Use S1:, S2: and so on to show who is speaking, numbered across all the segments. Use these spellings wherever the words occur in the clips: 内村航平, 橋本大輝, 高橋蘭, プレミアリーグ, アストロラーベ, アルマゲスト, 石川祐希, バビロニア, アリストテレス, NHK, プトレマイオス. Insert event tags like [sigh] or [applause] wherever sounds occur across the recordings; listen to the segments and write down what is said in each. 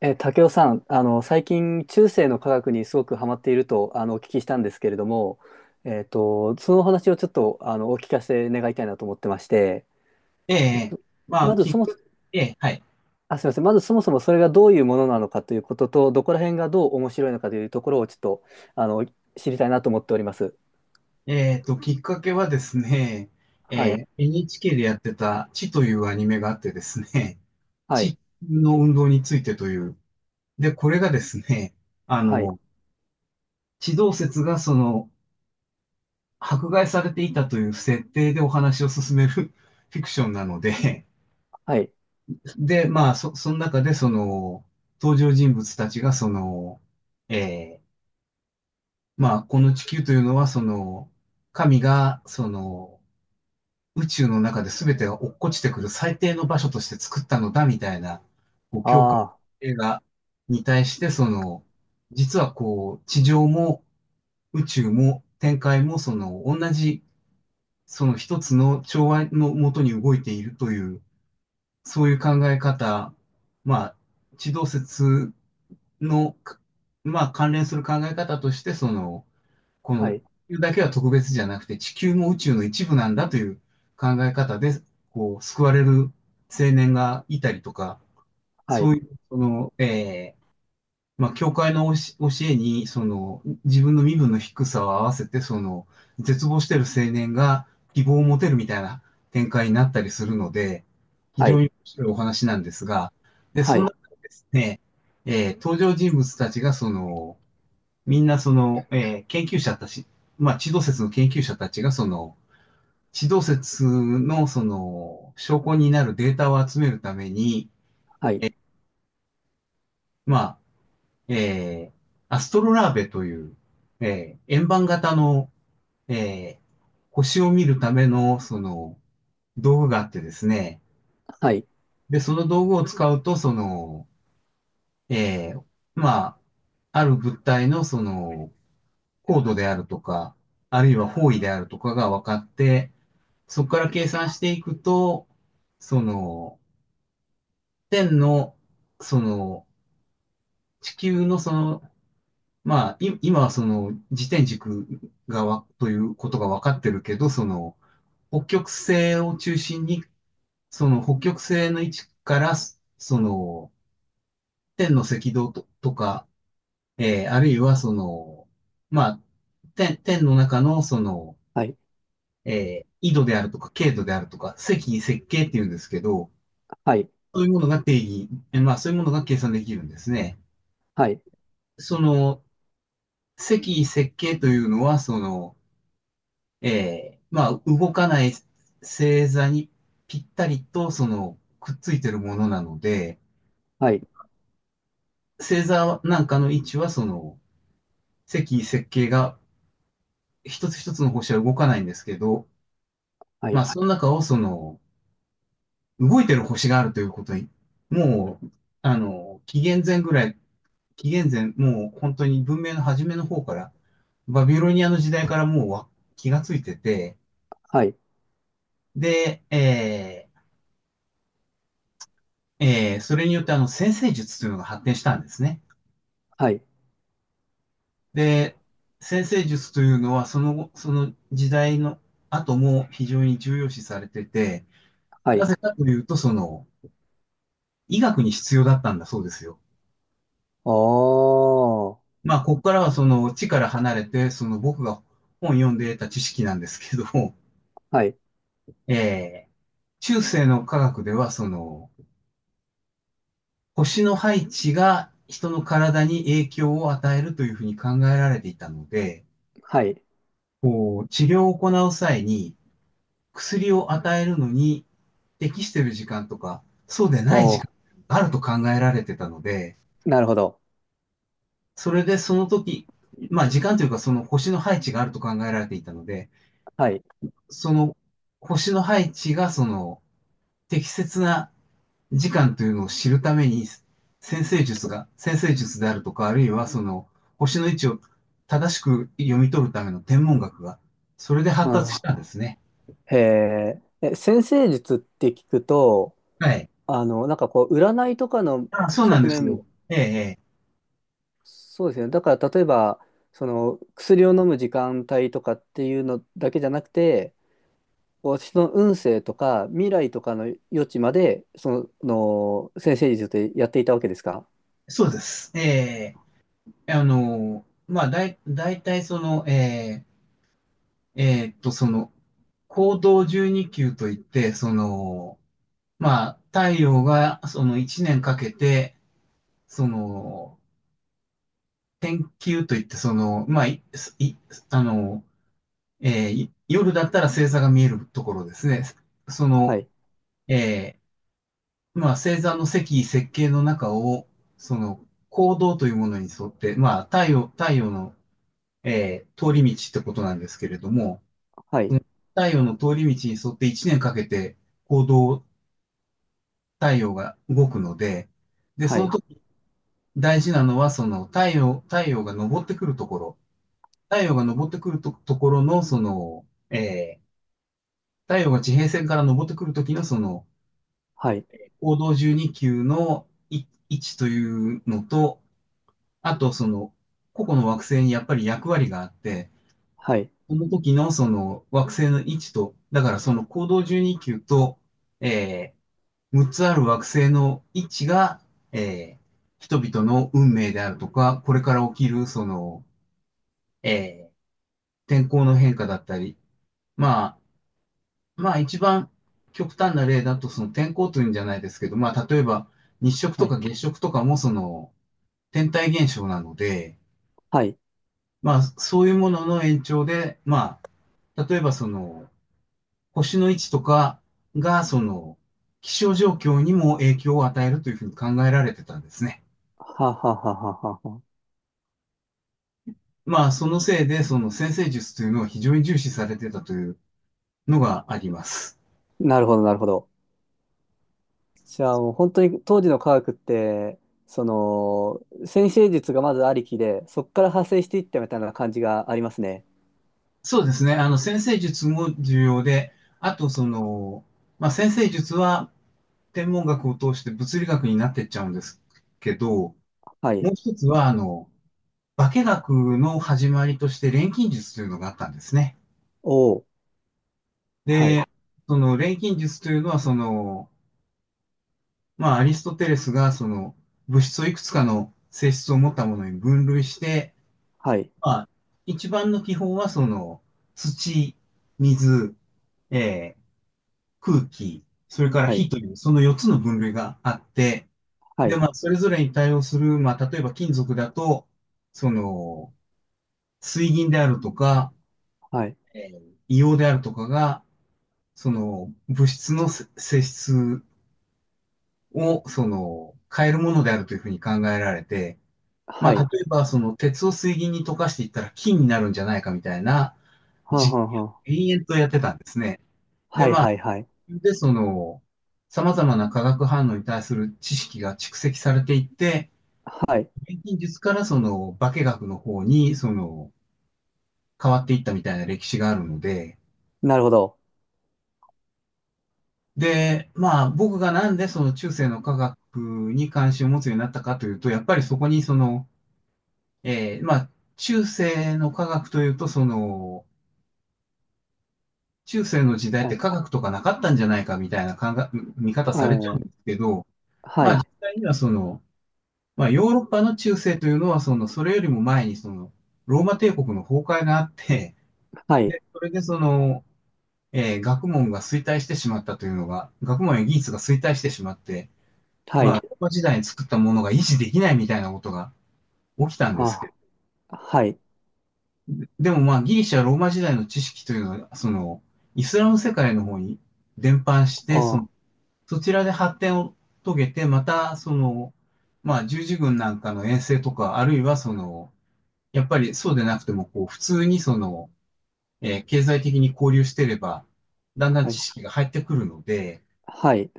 S1: ええ、たけおさん、最近中性の科学にすごくハマっているとお聞きしたんですけれども、そのお話をちょっとお聞かせ願いたいなと思ってまして、
S2: え
S1: えっ
S2: え、
S1: と
S2: ま
S1: ま
S2: あ、
S1: ず
S2: き
S1: そ
S2: っ
S1: の
S2: かけ、ええ、はい。
S1: あ、すいません、まずそもそもそれがどういうものなのかということとどこら辺がどう面白いのかというところをちょっとあの知りたいなと思っております。
S2: きっかけはですね、
S1: はい、
S2: NHK でやってた、地というアニメがあってですね、
S1: はい、
S2: 地の運動についてという。で、これがですね、あ
S1: はい、
S2: の、地動説がその、迫害されていたという設定でお話を進める [laughs] フィクションなので、
S1: はい、
S2: で、まあ、その中でその、登場人物たちがその、えまあ、この地球というのはその、神がその、宇宙の中で全てが落っこちてくる最低の場所として作ったのだみたいな、こう、教会
S1: あ
S2: 映画に対して、その、実はこう、地上も宇宙も展開も、その、同じ、その一つの調和のもとに動いているという、そういう考え方、まあ、地動説の、まあ、関連する考え方として、その、こ
S1: あ、は
S2: の地
S1: い、
S2: 球だけは特別じゃなくて地球も宇宙の一部なんだという考え方で、こう、救われる青年がいたりとか、
S1: は
S2: そ
S1: い、
S2: ういう、その、まあ、教会の教えに、その、自分の身分の低さを合わせて、その、絶望している青年が希望を持てるみたいな展開になったりするので、非
S1: は
S2: 常に
S1: い、
S2: 面白いお話なんですが、で、
S1: は
S2: その
S1: い、
S2: 中でですね、登場人物たちがその、みんなその、研究者たち、まあ、地動説の研究者たちがその、地動説のその、証拠になるデータを集めるために、
S1: はい、
S2: まあ、えーアストロラーベという、円盤型の、えー星を見るための、その、道具があってですね。
S1: はい、
S2: で、その道具を使うと、その、えーまあ、ある物体の、その、高度であるとか、あるいは方位であるとかが分かって、そこから計算していくと、その、天の、その、地球のその、まあ、今はその、自転軸がわ、ということが分かってるけど、その、北極星を中心に、その北極星の位置から、その、天の赤道とか、あるいはその、まあ、天の中のその、
S1: はい、
S2: 緯度であるとか、経度であるとか、赤緯赤経っていうんですけど、
S1: は
S2: そういうものが定義、まあそういうものが計算できるんですね。
S1: い、
S2: その、積設計というのは、その、まあ動かない星座にぴったりと、その、くっついてるものなので、
S1: はい、
S2: 星座なんかの位置は、その、積設計が一つ一つの星は動かないんですけど、
S1: は
S2: まあ
S1: い、
S2: その中をその、動いてる星があるということに、もう、あの、紀元前、もう本当に文明の初めの方から、バビロニアの時代からもうわ気がついてて、で、それによってあの先生術というのが発展したんですね。
S1: はい、
S2: で、先生術というのはその後、その時代の後も非常に重要視されてて、
S1: は
S2: な
S1: い。
S2: ぜかというと、その、医学に必要だったんだそうですよ。
S1: おー、
S2: まあ、ここからはその地から離れて、その僕が本読んで得た知識なんですけど、
S1: はい、
S2: えー中世の科学では、その、星の配置が人の体に影響を与えるというふうに考えられていたので、
S1: はい、
S2: こう治療を行う際に薬を与えるのに適している時間とか、そうで
S1: お
S2: ない時間
S1: ー、
S2: があると考えられてたので、
S1: なるほど。
S2: それでその時、まあ時間というかその星の配置があると考えられていたので、
S1: はい。
S2: その星の配置がその適切な時間というのを知るために、先生術であるとか、あるいはその、星の位置を正しく読み取るための天文学が、それで
S1: う
S2: 発達し
S1: ん、
S2: たんですね。
S1: へえ、え、先生術って聞くと、
S2: はい。
S1: なんかこう、占いとかの
S2: あ、そうなん
S1: 側
S2: です
S1: 面
S2: よ。
S1: も、
S2: ええ、ええ
S1: そうですね。だから、例えば、その、薬を飲む時間帯とかっていうのだけじゃなくて、私の運勢とか未来とかの余地まで、その、先生術でやっていたわけですか？
S2: そうです。ええ、あの、まあ、大体その、ええ、その、行動12級といって、その、まあ、太陽がその1年かけて、その、天球といって、その、まあ、い、いあの、えーい夜だったら星座が見えるところですね。そ
S1: は
S2: の、
S1: い、
S2: えまあ、星座の積、設計の中を、その、行動というものに沿って、まあ、太陽の、通り道ってことなんですけれども、
S1: はい、
S2: 太陽の通り道に沿って1年かけて行動、太陽が動くので、で、
S1: は
S2: その
S1: い、
S2: 時大事なのは、その太陽が昇ってくるところ。太陽が昇ってくると、ところの、その、えー太陽が地平線から昇ってくるときの、その、
S1: はい、
S2: 黄道12宮の位置というのと、あと、その、個々の惑星にやっぱり役割があって、
S1: はい、
S2: その時のその惑星の位置と、だからその黄道12宮と、え6つある惑星の位置が、えー人々の運命であるとか、これから起きる、その、えー天候の変化だったり、まあ、一番極端な例だと、その天候というんじゃないですけど、まあ例えば日食と
S1: はい、
S2: か月食とかもその天体現象なので、
S1: はい、
S2: まあそういうものの延長で、まあ例えばその星の位置とかがその気象状況にも影響を与えるというふうに考えられてたんですね。
S1: はははははは。
S2: まあそのせいでその先生術というのを非常に重視されてたというのがあります。
S1: なるほど、なるほど。じゃあもう本当に当時の科学って、その、先生術がまずありきで、そこから派生していったみたいな感じがありますね。
S2: そうですね。あの先生術も重要で、あとその、まあ先生術は天文学を通して物理学になってっちゃうんですけど、も
S1: は
S2: う
S1: い。
S2: 一つは、あの、化学の始まりとして錬金術というのがあったんですね。
S1: おお。はい。
S2: で、その錬金術というのは、その、まあ、アリストテレスが、その、物質をいくつかの性質を持ったものに分類して、
S1: はい。
S2: まあ、一番の基本は、その、土、水、えー空気、それから
S1: はい。
S2: 火という、その4つの分類があって、
S1: は
S2: で、
S1: い。
S2: まあ、それぞれに対応する、まあ、例えば金属だと、その、水銀であるとか、
S1: はい。
S2: 硫黄であるとかが、その、物質の性質を、その、変えるものであるというふうに考えられて、
S1: は
S2: まあ、
S1: い。
S2: 例えば、その、鉄を水銀に溶かしていったら金になるんじゃないかみたいな
S1: はん
S2: 実
S1: はんはん。
S2: 験を延々とやってたんですね。
S1: はい。はい。はい。
S2: で、その、様々な化学反応に対する知識が蓄積されていって、
S1: はい。
S2: 錬金術からその化学の方に、その、変わっていったみたいな歴史があるので、
S1: なるほど。
S2: で、まあ僕がなんでその中世の科学に関心を持つようになったかというと、やっぱりそこにその、まあ中世の科学というと、その、中世の時代っ
S1: は
S2: て
S1: い。
S2: 科学とかなかったんじゃないかみたいな考え見方されちゃう
S1: は
S2: んで
S1: い。
S2: すけど、
S1: は
S2: まあ
S1: い。
S2: 実際にはその、まあヨーロッパの中世というのはその、それよりも前にその、ローマ帝国の崩壊があって、
S1: はい。
S2: で、それでその、学問が衰退してしまったというのが、学問や技術が衰退してしまって、
S1: は
S2: まあ、
S1: い。
S2: ローマ時代に作ったものが維持できないみたいなことが起きたんですけど、
S1: あ。はい。
S2: でもまあ、ギリシャ、ローマ時代の知識というのは、その、イスラム世界の方に伝播し
S1: あ
S2: て、その
S1: あ。
S2: そちらで発展を遂げて、また、その、まあ、十字軍なんかの遠征とか、あるいはその、やっぱりそうでなくても、こう、普通にその、経済的に交流してれば、だんだん
S1: は
S2: 知
S1: い。
S2: 識が入ってくるので、
S1: はい。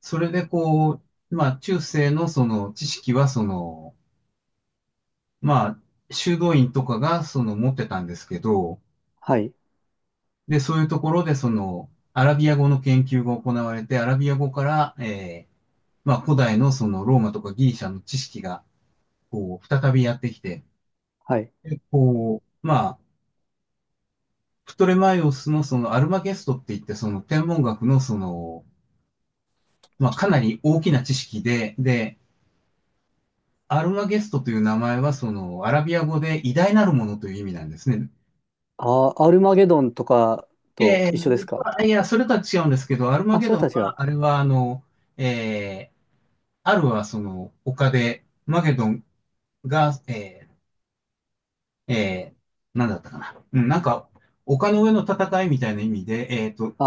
S2: それでこう、まあ中世のその知識はその、まあ修道院とかがその持ってたんですけど、
S1: はい。
S2: で、そういうところでそのアラビア語の研究が行われて、アラビア語から、まあ古代のそのローマとかギリシャの知識がこう再びやってきて、
S1: はい。
S2: でこう、まあ、プトレマイオスのそのアルマゲストって言ってその天文学のその、まあかなり大きな知識で、で、アルマゲストという名前は、その、アラビア語で偉大なるものという意味なんですね。
S1: ああ、アルマゲドンとかと一緒ですか？
S2: いや、それとは違うんですけど、アルマ
S1: あ、
S2: ゲ
S1: そ
S2: ド
S1: れ
S2: ン
S1: たちは。
S2: は、あれは、あの、えー、アルはその、丘で、マゲドンが、ー、えなんだったかな。うん、なんか、丘の上の戦いみたいな意味で、えっと、
S1: あ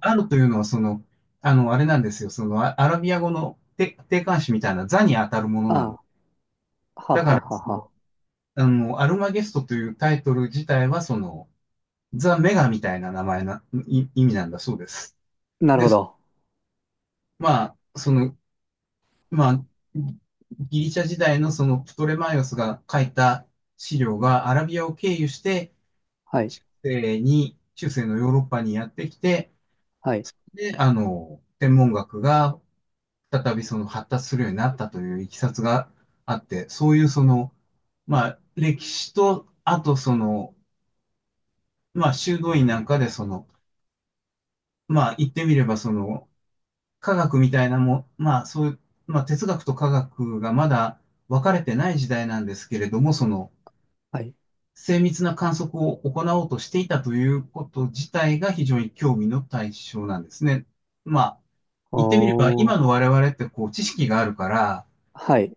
S2: アルというのは、その、あの、あれなんですよ、その、アラビア語の定定冠詞みたいな座に当たるもの
S1: あ
S2: なの。
S1: あ。は
S2: だか
S1: は
S2: ら、
S1: は
S2: その
S1: は。
S2: あの、アルマゲストというタイトル自体は、その、ザ・メガみたいな名前な、い意味なんだそうです。
S1: なる
S2: で、
S1: ほど。
S2: まあ、その、まあ、ギリシャ時代のそのプトレマイオスが書いた資料がアラビアを経由して、
S1: はい。
S2: 中世に、中世のヨーロッパにやってきて、
S1: はい。
S2: で、あの、天文学が再びその発達するようになったといういきさつがあって、そういうその、まあ、歴史と、あとその、まあ、修道院なんかでその、まあ、言ってみればその、科学みたいなも、まあそういう、まあ哲学と科学がまだ分かれてない時代なんですけれども、その
S1: はい。
S2: 精密な観測を行おうとしていたということ自体が非常に興味の対象なんですね。まあ言ってみれば
S1: おー。
S2: 今の我々ってこう知識があるから、
S1: はい。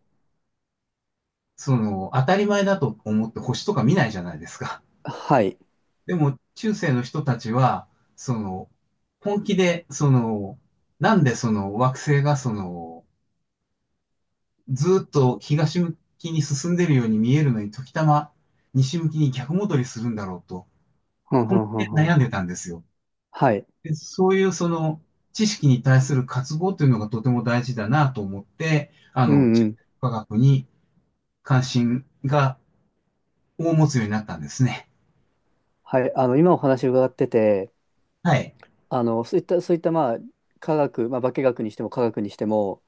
S2: その当たり前だと思って星とか見ないじゃないですか。
S1: はい。
S2: でも中世の人たちは、その本気でそのなんでその惑星がそのずーっと東向きに進んでるように見えるのに、時たま西向きに逆戻りするんだろうと、
S1: ふんふ
S2: 本
S1: んふん
S2: 気で
S1: ふ
S2: 悩
S1: ん。
S2: んでたんですよ。
S1: はい。
S2: で、そういうその知識に対する渇望というのがとても大事だなと思って、あ
S1: う
S2: の、
S1: ん
S2: 地
S1: う
S2: 球
S1: ん。
S2: 科学に関心が大持つようになったんですね。
S1: はい。今お話伺ってて、
S2: はい。
S1: そういった、まあ、科学、まあ、化学にしても科学にしても、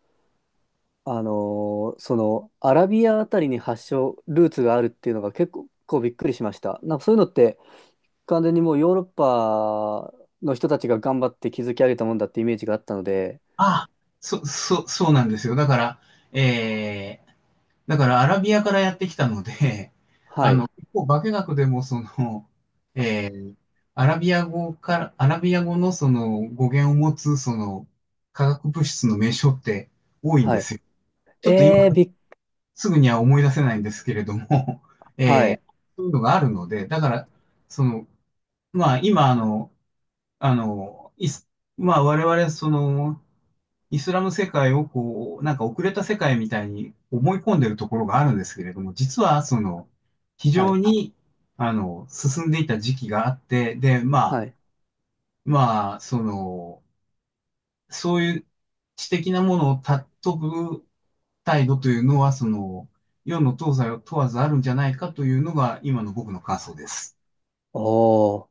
S1: アラビアあたりに発祥、ルーツがあるっていうのが結構、こうびっくりしました。なんかそういうのって、完全にもうヨーロッパの人たちが頑張って築き上げたもんだってイメージがあったので、
S2: ああ、そ、そ、そうなんですよ。だから、えーだからアラビアからやってきたので、[laughs]
S1: は
S2: あの、
S1: い。
S2: 結構化学でもその、[laughs] えーアラビア語から、アラビア語のその語源を持つその化学物質の名称って多いん
S1: は
S2: で
S1: い。
S2: すよ。ちょっと今
S1: えー、びっ
S2: すぐには思い出せないんですけれども、[laughs]
S1: は
S2: えー
S1: い。
S2: そういうのがあるので、だから、その、まあ今あの、あの、まあ我々その、イスラム世界をこう、なんか遅れた世界みたいに思い込んでるところがあるんですけれども、実はその、非
S1: は
S2: 常
S1: い。
S2: に、あの、進んでいた時期があって、で、まあ、
S1: はい。
S2: まあ、その、そういう知的なものを尊ぶ態度というのは、その、世の東西を問わずあるんじゃないかというのが、今の僕の感想です。
S1: おお。